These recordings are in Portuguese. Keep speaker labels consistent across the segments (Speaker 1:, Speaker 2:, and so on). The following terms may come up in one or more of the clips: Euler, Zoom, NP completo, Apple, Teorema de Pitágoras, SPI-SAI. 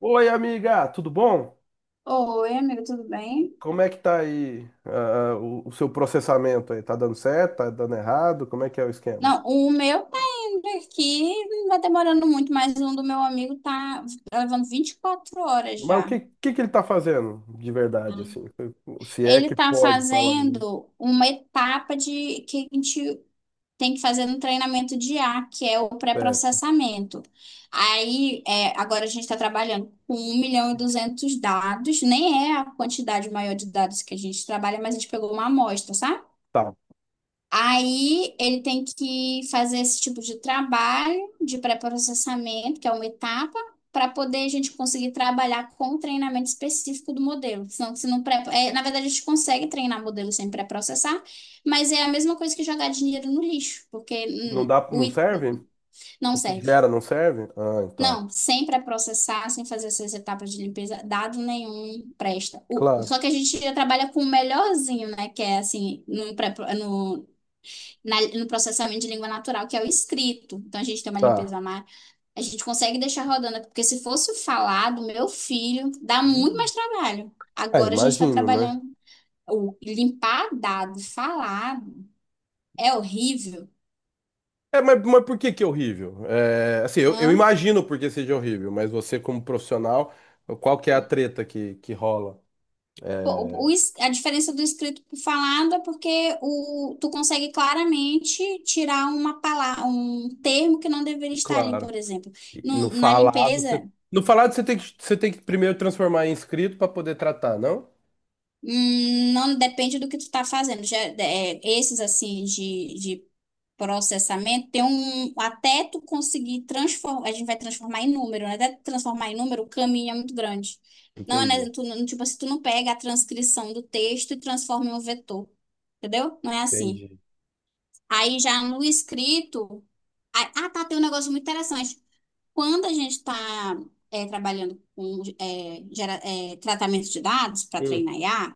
Speaker 1: Oi, amiga, tudo bom?
Speaker 2: Oi, amigo, tudo bem?
Speaker 1: Como é que tá aí, o seu processamento aí? Tá dando certo? Tá dando errado? Como é que é o esquema?
Speaker 2: Não, o meu tá indo aqui, não tá demorando muito, mas um do meu amigo tá levando 24 horas
Speaker 1: Mas o
Speaker 2: já.
Speaker 1: que ele tá fazendo de verdade, assim? Se é
Speaker 2: Ele
Speaker 1: que
Speaker 2: tá
Speaker 1: pode falar, né?
Speaker 2: fazendo uma etapa de que a gente tem que fazer no treinamento de IA, que é o
Speaker 1: É,
Speaker 2: pré-processamento. Agora a gente está trabalhando com 1.200.000 dados, nem é a quantidade maior de dados que a gente trabalha, mas a gente pegou uma amostra, sabe?
Speaker 1: tá.
Speaker 2: Aí ele tem que fazer esse tipo de trabalho de pré-processamento, que é uma etapa, para poder a gente conseguir trabalhar com o treinamento específico do modelo. Senão, se não pré... é, na verdade, a gente consegue treinar modelo sem pré-processar, mas é a mesma coisa que jogar dinheiro no lixo, porque
Speaker 1: Não dá, não serve?
Speaker 2: não
Speaker 1: O que
Speaker 2: serve.
Speaker 1: gera não serve? Ah, tá.
Speaker 2: Não, sem pré-processar, sem fazer essas etapas de limpeza, dado nenhum presta.
Speaker 1: Claro,
Speaker 2: Só que a gente já trabalha com o melhorzinho, né? Que é assim, no processamento de língua natural, que é o escrito. Então a gente tem uma
Speaker 1: tá.
Speaker 2: limpeza mais. A gente consegue deixar rodando, porque se fosse o falado, meu filho, dá muito
Speaker 1: Hum.
Speaker 2: mais trabalho.
Speaker 1: É,
Speaker 2: Agora a gente está
Speaker 1: imagino, né?
Speaker 2: trabalhando. O limpar dado, falado, é horrível.
Speaker 1: É, mas por que que é horrível? É, assim, eu
Speaker 2: Né?
Speaker 1: imagino por que seja horrível, mas você como profissional, qual que é a treta que rola?
Speaker 2: Pô, a diferença do escrito para falado é porque tu consegue claramente tirar uma palavra, um termo que não deveria estar ali,
Speaker 1: Claro.
Speaker 2: por exemplo.
Speaker 1: E no
Speaker 2: Na
Speaker 1: falado, você...
Speaker 2: limpeza.
Speaker 1: No falado você tem que primeiro transformar em escrito para poder tratar, não?
Speaker 2: Não depende do que tu está fazendo. Esses assim de processamento tem um até tu conseguir transformar, a gente vai transformar em número, né? Até tu transformar em número, o caminho é muito grande. Não é, né,
Speaker 1: Entendi,
Speaker 2: tu, não- Tipo assim, tu não pega a transcrição do texto e transforma em um vetor, entendeu? Não é assim.
Speaker 1: entendi.
Speaker 2: Aí já no escrito, tá, tem um negócio muito interessante. Quando a gente está trabalhando com tratamento de dados para
Speaker 1: Hum,
Speaker 2: treinar IA,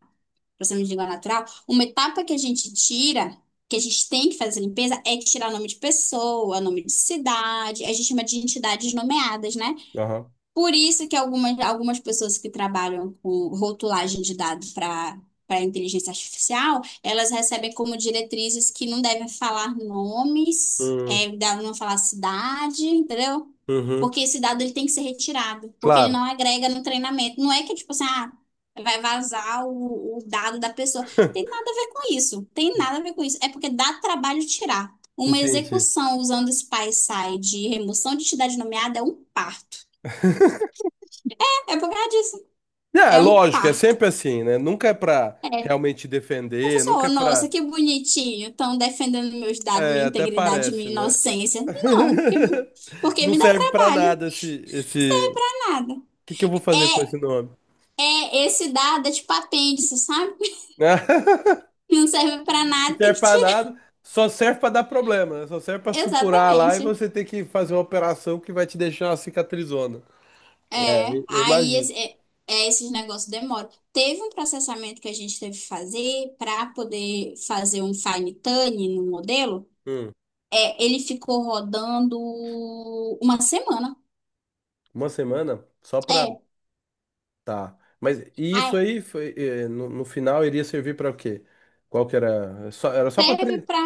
Speaker 2: processamento de língua natural, uma etapa que a gente tira, que a gente tem que fazer a limpeza, é tirar nome de pessoa, nome de cidade, a gente chama de entidades nomeadas, né?
Speaker 1: aham.
Speaker 2: Por isso que algumas pessoas que trabalham com rotulagem de dados para inteligência artificial, elas recebem como diretrizes que não devem falar nomes,
Speaker 1: Hum,
Speaker 2: é, devem não falar cidade, entendeu?
Speaker 1: uhum.
Speaker 2: Porque esse dado ele tem que ser retirado, porque ele
Speaker 1: Claro.
Speaker 2: não agrega no treinamento. Não é que, tipo assim, ah, vai vazar o dado da pessoa. Tem nada a ver com isso. Tem nada a ver com isso. É porque dá trabalho tirar. Uma
Speaker 1: Entendi.
Speaker 2: execução usando SPI-SAI de remoção de entidade nomeada é um parto. É por causa disso.
Speaker 1: É, é
Speaker 2: É um
Speaker 1: lógico, é
Speaker 2: parto.
Speaker 1: sempre assim, né? Nunca é pra realmente defender, nunca
Speaker 2: A
Speaker 1: é pra.
Speaker 2: nossa, que bonitinho. Estão defendendo meus dados,
Speaker 1: É,
Speaker 2: minha
Speaker 1: até
Speaker 2: integridade,
Speaker 1: parece,
Speaker 2: minha
Speaker 1: né?
Speaker 2: inocência. Não, porque
Speaker 1: Não
Speaker 2: me dá
Speaker 1: serve pra
Speaker 2: trabalho. Não
Speaker 1: nada esse. O
Speaker 2: custa nada.
Speaker 1: que que eu vou fazer com esse
Speaker 2: É,
Speaker 1: nome?
Speaker 2: esse dado é tipo apêndice, sabe? Não serve pra
Speaker 1: Não
Speaker 2: nada, tem
Speaker 1: serve
Speaker 2: que
Speaker 1: pra
Speaker 2: tirar.
Speaker 1: nada, só serve pra dar problema, né? Só serve pra supurar lá e
Speaker 2: Exatamente.
Speaker 1: você ter que fazer uma operação que vai te deixar uma cicatrizona. É,
Speaker 2: É.
Speaker 1: eu imagino.
Speaker 2: Esses negócios demoram. Teve um processamento que a gente teve que fazer para poder fazer um fine-tuning no modelo.
Speaker 1: Hum,
Speaker 2: É, ele ficou rodando 1 semana.
Speaker 1: uma semana só pra.
Speaker 2: É,
Speaker 1: Tá. Mas e isso
Speaker 2: aí
Speaker 1: aí foi, no, no final iria servir pra o quê? Qual que era? É só, era só pra
Speaker 2: serve
Speaker 1: treinar.
Speaker 2: pra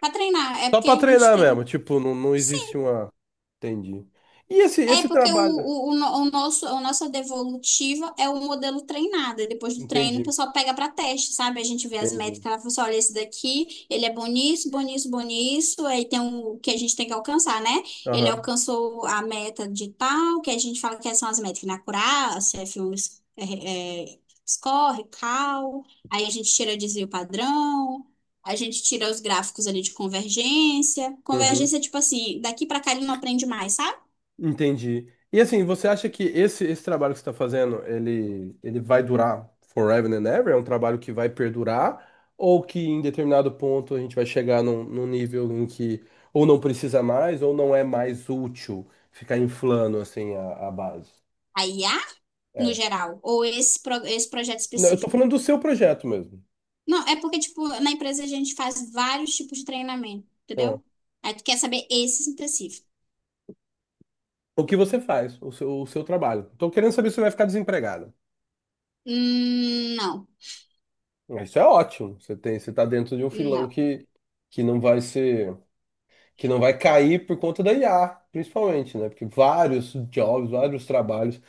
Speaker 2: pra treinar. É
Speaker 1: Só
Speaker 2: porque
Speaker 1: pra
Speaker 2: a gente
Speaker 1: treinar
Speaker 2: tem.
Speaker 1: mesmo. Tipo, não, não existe
Speaker 2: Sim,
Speaker 1: uma. Entendi. E esse,
Speaker 2: é
Speaker 1: esse
Speaker 2: porque
Speaker 1: trabalho?
Speaker 2: o, no- o nosso, a nossa devolutiva é o modelo treinado. E depois do treino, o
Speaker 1: Entendi,
Speaker 2: pessoal pega para teste, sabe? A gente vê as
Speaker 1: entendi.
Speaker 2: métricas, ela fala assim, olha, esse daqui, ele é bom nisso, bom nisso, bom nisso. Aí tem o que a gente tem que alcançar, né? Ele
Speaker 1: Aham,
Speaker 2: alcançou a meta de tal, que a gente fala que são as métricas, né? Acurácia, F1, é, é, score, cal. Aí a gente tira desvio padrão. A gente tira os gráficos ali de convergência.
Speaker 1: uhum.
Speaker 2: Convergência, é tipo assim, daqui para cá ele não aprende mais, sabe?
Speaker 1: Entendi. E assim, você acha que esse trabalho que você está fazendo, ele vai durar forever and ever? É um trabalho que vai perdurar? Ou que em determinado ponto a gente vai chegar num, num nível em que ou não precisa mais, ou não é mais útil ficar inflando assim a base?
Speaker 2: Aí, ah, no
Speaker 1: É.
Speaker 2: geral, ou esse projeto
Speaker 1: Não, eu tô
Speaker 2: específico.
Speaker 1: falando do seu projeto mesmo.
Speaker 2: Não, é porque, tipo, na empresa a gente faz vários tipos de treinamento,
Speaker 1: Ó,
Speaker 2: entendeu? Aí tu quer saber esse específico.
Speaker 1: o que você faz, o seu trabalho. Tô querendo saber se você vai ficar desempregado.
Speaker 2: Hum, não,
Speaker 1: Isso é ótimo. Você tem, você tá dentro de um filão
Speaker 2: não.
Speaker 1: que não vai ser. Que não vai cair por conta da IA, principalmente, né? Porque vários jobs, vários trabalhos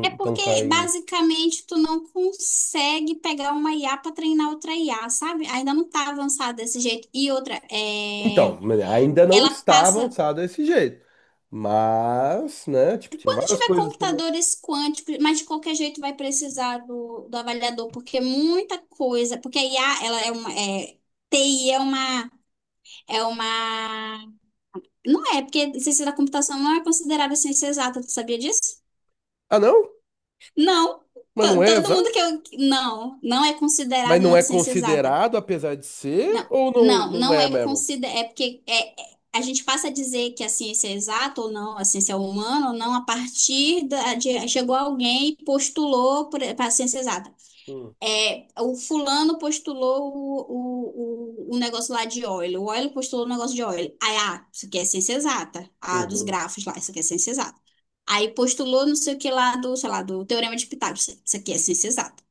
Speaker 2: É
Speaker 1: estão
Speaker 2: porque,
Speaker 1: caindo.
Speaker 2: basicamente, tu não consegue pegar uma IA para treinar outra IA, sabe? Ainda não tá avançada desse jeito. E outra, é...
Speaker 1: Então, né, ainda não
Speaker 2: ela
Speaker 1: está
Speaker 2: passa.
Speaker 1: avançado desse jeito. Mas, né, tipo, tinha
Speaker 2: Quando
Speaker 1: várias
Speaker 2: tiver
Speaker 1: coisas também.
Speaker 2: computadores quânticos, mas de qualquer jeito vai precisar do avaliador, porque é muita coisa, porque a IA, ela é uma, é, TI é uma, não é, porque ciência da computação não é considerada ciência exata, tu sabia disso?
Speaker 1: Ah, não?
Speaker 2: Não,
Speaker 1: Mas não
Speaker 2: To-
Speaker 1: é
Speaker 2: todo mundo que
Speaker 1: exato?
Speaker 2: eu, não, não é
Speaker 1: Mas
Speaker 2: considerado
Speaker 1: não
Speaker 2: uma
Speaker 1: é
Speaker 2: ciência exata.
Speaker 1: considerado, apesar de
Speaker 2: Não,
Speaker 1: ser, ou não, não
Speaker 2: não
Speaker 1: é
Speaker 2: é
Speaker 1: mesmo?
Speaker 2: considerado. É porque a gente passa a dizer que a ciência é exata ou não, a ciência é humana ou não, a partir chegou alguém e postulou para a ciência exata.
Speaker 1: Hum,
Speaker 2: É, o fulano postulou o negócio lá de Euler, o Euler postulou o negócio de Euler. Aí, ah, isso aqui é ciência exata. Ah, dos
Speaker 1: Uhum,
Speaker 2: grafos lá, isso aqui é ciência exata. Aí postulou não sei o que lá do, sei lá, do Teorema de Pitágoras, isso aqui é ciência exata.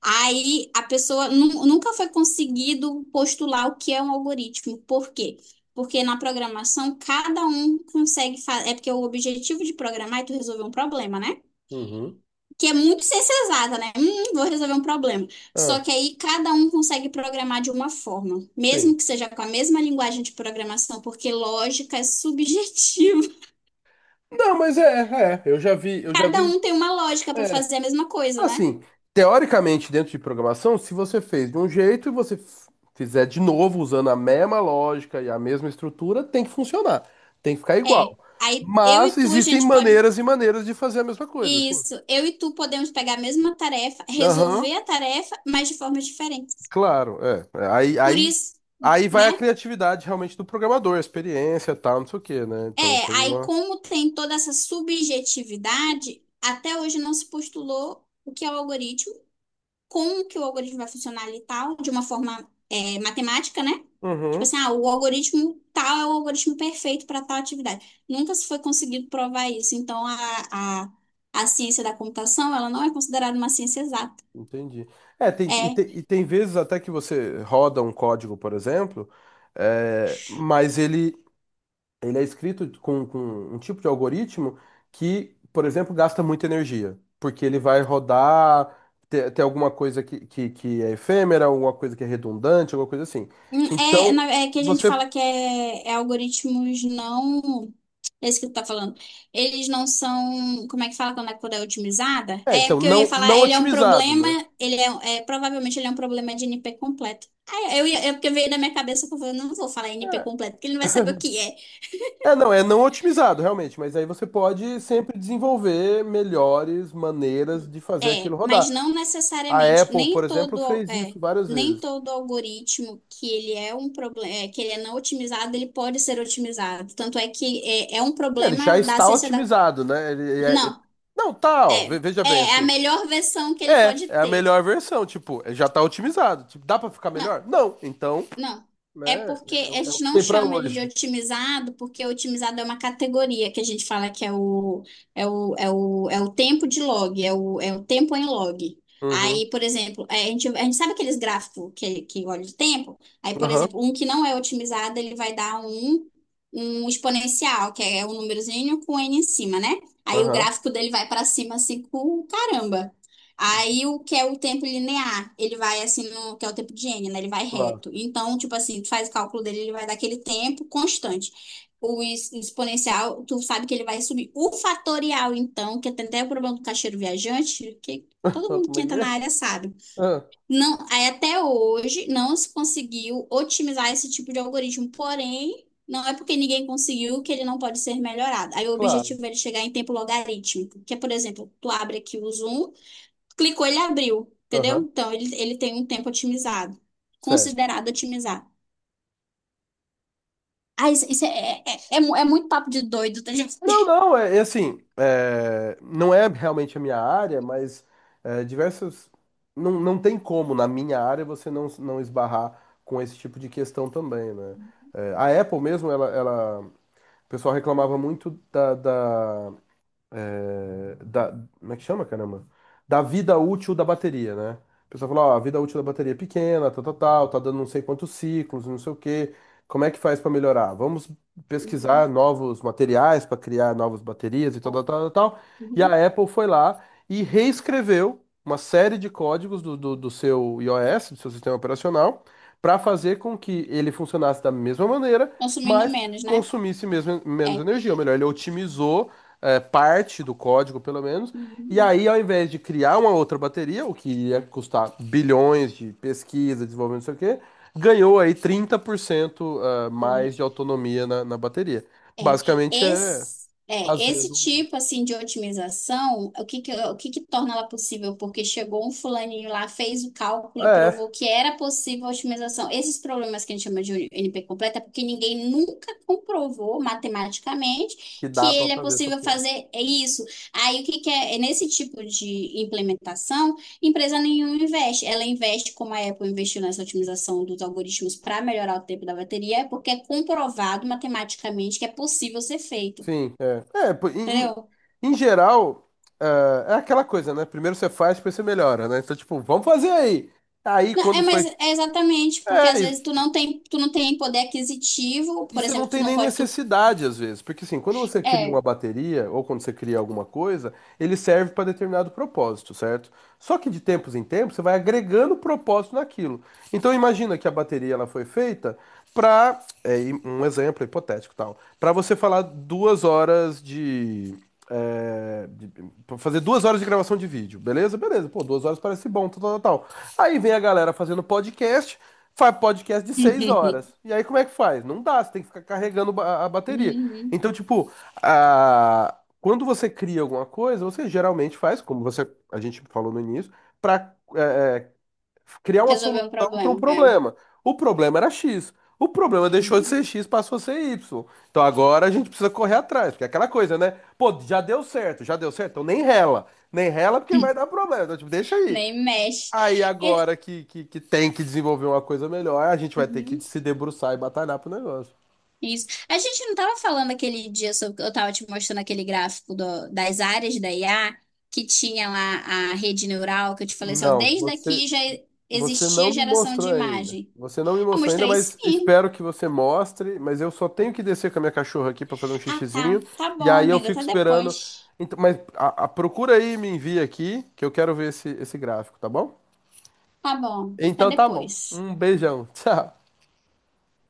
Speaker 2: Aí a pessoa nu- Nunca foi conseguido postular o que é um algoritmo. Por quê? Porque na programação cada um consegue fazer. É porque o objetivo de programar é tu resolver um problema, né?
Speaker 1: uhum.
Speaker 2: Que é muito ciência exata, né? Vou resolver um problema. Só
Speaker 1: Ah,
Speaker 2: que aí cada um consegue programar de uma forma, mesmo
Speaker 1: sim.
Speaker 2: que seja com a mesma linguagem de programação, porque lógica é subjetiva.
Speaker 1: Não, mas é, é, eu já vi, eu já
Speaker 2: Cada
Speaker 1: vi.
Speaker 2: um tem uma lógica para
Speaker 1: É
Speaker 2: fazer a mesma coisa, né?
Speaker 1: assim, teoricamente, dentro de programação, se você fez de um jeito e você fizer de novo usando a mesma lógica e a mesma estrutura, tem que funcionar, tem que ficar
Speaker 2: É.
Speaker 1: igual.
Speaker 2: Aí eu e
Speaker 1: Mas
Speaker 2: tu, a
Speaker 1: existem
Speaker 2: gente pode
Speaker 1: maneiras e maneiras de fazer a mesma coisa, assim.
Speaker 2: isso, eu e tu podemos pegar a mesma tarefa,
Speaker 1: Aham,
Speaker 2: resolver a tarefa, mas de formas diferentes.
Speaker 1: claro, é. É. Aí,
Speaker 2: Por
Speaker 1: aí,
Speaker 2: isso,
Speaker 1: aí vai a
Speaker 2: né?
Speaker 1: criatividade realmente do programador, a experiência, tal, não sei o quê, né?
Speaker 2: É,
Speaker 1: Então tem
Speaker 2: aí
Speaker 1: uma.
Speaker 2: como tem toda essa subjetividade, até hoje não se postulou o que é o algoritmo, como que o algoritmo vai funcionar ali e tal, de uma forma matemática, né? Tipo
Speaker 1: Uhum,
Speaker 2: assim, ah, o algoritmo tal é o algoritmo perfeito para tal atividade. Nunca se foi conseguido provar isso. Então, a ciência da computação, ela não é considerada uma ciência exata.
Speaker 1: entendi. É, tem, e,
Speaker 2: É,
Speaker 1: tem, e tem vezes até que você roda um código, por exemplo, é, mas ele é escrito com um tipo de algoritmo que, por exemplo, gasta muita energia, porque ele vai rodar, ter, ter alguma coisa que é efêmera, alguma coisa que é redundante, alguma coisa assim.
Speaker 2: hum,
Speaker 1: Então,
Speaker 2: é que a gente
Speaker 1: você.
Speaker 2: fala que é, é algoritmos não. É isso que tu tá falando. Eles não são. Como é que fala quando a coisa é otimizada?
Speaker 1: É,
Speaker 2: É
Speaker 1: então,
Speaker 2: porque eu ia
Speaker 1: não,
Speaker 2: falar,
Speaker 1: não
Speaker 2: ele é um
Speaker 1: otimizado,
Speaker 2: problema.
Speaker 1: né?
Speaker 2: Ele é, é, provavelmente ele é um problema de NP completo. Ah, eu ia, é porque veio na minha cabeça que eu falei, eu não vou falar NP
Speaker 1: É,
Speaker 2: completo, porque ele não vai saber o que é.
Speaker 1: é não otimizado, realmente, mas aí você pode sempre desenvolver melhores maneiras de fazer aquilo
Speaker 2: É,
Speaker 1: rodar.
Speaker 2: mas não
Speaker 1: A
Speaker 2: necessariamente.
Speaker 1: Apple, por
Speaker 2: Nem
Speaker 1: exemplo,
Speaker 2: todo.
Speaker 1: fez
Speaker 2: É,
Speaker 1: isso várias
Speaker 2: nem
Speaker 1: vezes.
Speaker 2: todo algoritmo que ele é um problema, que ele é não otimizado, ele pode ser otimizado. Tanto é que é, é um
Speaker 1: É, ele já
Speaker 2: problema da
Speaker 1: está
Speaker 2: ciência da
Speaker 1: otimizado, né?
Speaker 2: não,
Speaker 1: Não, tá, ó,
Speaker 2: é.
Speaker 1: veja
Speaker 2: É
Speaker 1: bem
Speaker 2: é a
Speaker 1: assim.
Speaker 2: melhor versão que ele
Speaker 1: É,
Speaker 2: pode
Speaker 1: é a
Speaker 2: ter.
Speaker 1: melhor versão, tipo, já tá otimizado. Tipo, dá pra ficar
Speaker 2: Não,
Speaker 1: melhor? Não. Então,
Speaker 2: não. É
Speaker 1: né,
Speaker 2: porque
Speaker 1: é, o
Speaker 2: a
Speaker 1: é o
Speaker 2: gente
Speaker 1: que
Speaker 2: não
Speaker 1: tem pra
Speaker 2: chama ele de
Speaker 1: hoje.
Speaker 2: otimizado, porque otimizado é uma categoria que a gente fala que é o tempo de log, é o, é o tempo em log.
Speaker 1: Uhum,
Speaker 2: Aí, por exemplo, é, a gente sabe aqueles gráficos que olha de tempo? Aí, por
Speaker 1: aham,
Speaker 2: exemplo, um que não é otimizado, ele vai dar um, um exponencial, que é um númerozinho com n em cima, né? Aí o
Speaker 1: aham,
Speaker 2: gráfico dele vai para cima assim com caramba. Aí o que é o tempo linear, ele vai assim no que é o tempo de n, né? Ele vai
Speaker 1: claro.
Speaker 2: reto. Então, tipo assim, tu faz o cálculo dele, ele vai dar aquele tempo constante. Exponencial, tu sabe que ele vai subir. O fatorial, então, que tem até o problema do caixeiro viajante, que todo mundo
Speaker 1: Como
Speaker 2: que
Speaker 1: é que
Speaker 2: entra na
Speaker 1: é?
Speaker 2: área sabe.
Speaker 1: Ah,
Speaker 2: Não, aí até hoje não se conseguiu otimizar esse tipo de algoritmo, porém, não é porque ninguém conseguiu que ele não pode ser melhorado. Aí o
Speaker 1: claro,
Speaker 2: objetivo é ele chegar em tempo logarítmico, que é, por exemplo, tu abre aqui o Zoom, clicou, ele abriu, entendeu?
Speaker 1: aham,
Speaker 2: Então, ele tem um tempo otimizado,
Speaker 1: certo.
Speaker 2: considerado otimizado. Ah, é, é muito papo de doido, tá, gente?
Speaker 1: Não, não, é, é assim, é, não é realmente a minha área, mas é, diversos... Não, não tem como, na minha área, você não, não esbarrar com esse tipo de questão também, né? É, a Apple mesmo, ela, o pessoal reclamava muito da, da é, da, como é que chama, caramba? Da vida útil da bateria, né? O pessoal fala, ó, a vida útil da bateria é pequena, tal, tal, tal, tá dando não sei quantos ciclos, não sei o quê. Como é que faz para melhorar? Vamos
Speaker 2: Uhum.
Speaker 1: pesquisar novos materiais para criar novas baterias e tal,
Speaker 2: Ó,
Speaker 1: tal, tal, tal. E
Speaker 2: uhum.
Speaker 1: a Apple foi lá e reescreveu uma série de códigos do, do seu iOS, do seu sistema operacional, para fazer com que ele funcionasse da mesma maneira,
Speaker 2: Consumindo
Speaker 1: mas
Speaker 2: menos, né?
Speaker 1: consumisse mesmo, menos
Speaker 2: É.
Speaker 1: energia. Ou melhor, ele otimizou é, parte do código, pelo menos. E aí, ao invés de criar uma outra bateria, o que ia custar bilhões de pesquisa, desenvolvimento, não sei o quê, ganhou aí 30% ah,
Speaker 2: Uhum.
Speaker 1: mais de autonomia na, na bateria.
Speaker 2: É,
Speaker 1: Basicamente é
Speaker 2: esse, é, esse
Speaker 1: fazendo.
Speaker 2: tipo assim de otimização, o que que torna ela possível? Porque chegou um fulaninho lá, fez o cálculo e
Speaker 1: É,
Speaker 2: provou que era possível a otimização. Esses problemas que a gente chama de NP completa, é porque ninguém nunca comprovou matematicamente
Speaker 1: que
Speaker 2: que
Speaker 1: dá pra
Speaker 2: ele é
Speaker 1: fazer essa
Speaker 2: possível
Speaker 1: porra.
Speaker 2: fazer isso. Aí o que que é, é nesse tipo de implementação empresa nenhuma investe. Ela investe, como a Apple investiu nessa otimização dos algoritmos para melhorar o tempo da bateria, é porque é comprovado matematicamente que é possível ser feito.
Speaker 1: Sim, é. É, pô, em, em-
Speaker 2: Entendeu?
Speaker 1: em geral, ah, é aquela coisa, né? Primeiro você faz, depois você melhora, né? Então, tipo, vamos fazer aí. Aí,
Speaker 2: Não, é,
Speaker 1: quando foi.
Speaker 2: mas é exatamente, porque às
Speaker 1: É,
Speaker 2: vezes tu não tem poder aquisitivo,
Speaker 1: e
Speaker 2: por
Speaker 1: você não
Speaker 2: exemplo, tu
Speaker 1: tem
Speaker 2: não
Speaker 1: nem
Speaker 2: pode. Tu,
Speaker 1: necessidade, às vezes, porque assim, quando você cria uma
Speaker 2: é.
Speaker 1: bateria ou quando você cria alguma coisa, ele serve para determinado propósito, certo? Só que de tempos em tempos você vai agregando propósito naquilo. Então imagina que a bateria ela foi feita para, um exemplo hipotético tal, para você falar 2 horas de, é, de- pra fazer 2 horas de gravação de vídeo, beleza? Beleza, pô, 2 horas parece bom, tal, tal, tal. Aí vem a galera fazendo podcast, faz podcast de 6 horas. E aí como é que faz? Não dá, você tem que ficar carregando a bateria.
Speaker 2: Uhum.
Speaker 1: Então, tipo, a... quando você cria alguma coisa, você geralmente faz, como você a gente falou no início, para criar uma solução
Speaker 2: Resolver um
Speaker 1: para um
Speaker 2: problema. É.
Speaker 1: problema. O problema era X. O problema deixou de
Speaker 2: Uhum.
Speaker 1: ser X, passou a ser Y. Então agora a gente precisa correr atrás, porque é aquela coisa, né? Pô, já deu certo, então nem rela. Nem rela porque vai dar problema. Então, tipo, deixa aí.
Speaker 2: Nem mexe.
Speaker 1: Aí
Speaker 2: E-
Speaker 1: agora que, que tem que desenvolver uma coisa melhor, a gente vai ter que
Speaker 2: uhum.
Speaker 1: se debruçar e batalhar pro negócio.
Speaker 2: Isso. A gente não estava falando aquele dia sobre, eu estava te mostrando aquele gráfico das áreas da IA que tinha lá a rede neural, que eu te falei assim, ó,
Speaker 1: Não,
Speaker 2: desde
Speaker 1: você,
Speaker 2: aqui já
Speaker 1: você
Speaker 2: existia
Speaker 1: não me
Speaker 2: geração de
Speaker 1: mostrou ainda.
Speaker 2: imagem.
Speaker 1: Você não me
Speaker 2: Eu
Speaker 1: mostrou ainda,
Speaker 2: mostrei
Speaker 1: mas
Speaker 2: sim.
Speaker 1: espero que você mostre. Mas eu só tenho que descer com a minha cachorra aqui para fazer um
Speaker 2: Ah, tá.
Speaker 1: xixizinho.
Speaker 2: Tá
Speaker 1: E
Speaker 2: bom,
Speaker 1: aí eu
Speaker 2: amiga,
Speaker 1: fico
Speaker 2: tá
Speaker 1: esperando.
Speaker 2: depois.
Speaker 1: Então, mas procura aí e me envia aqui, que eu quero ver esse, esse gráfico, tá bom?
Speaker 2: Tá bom, tá
Speaker 1: Então tá bom.
Speaker 2: depois.
Speaker 1: Um beijão. Tchau.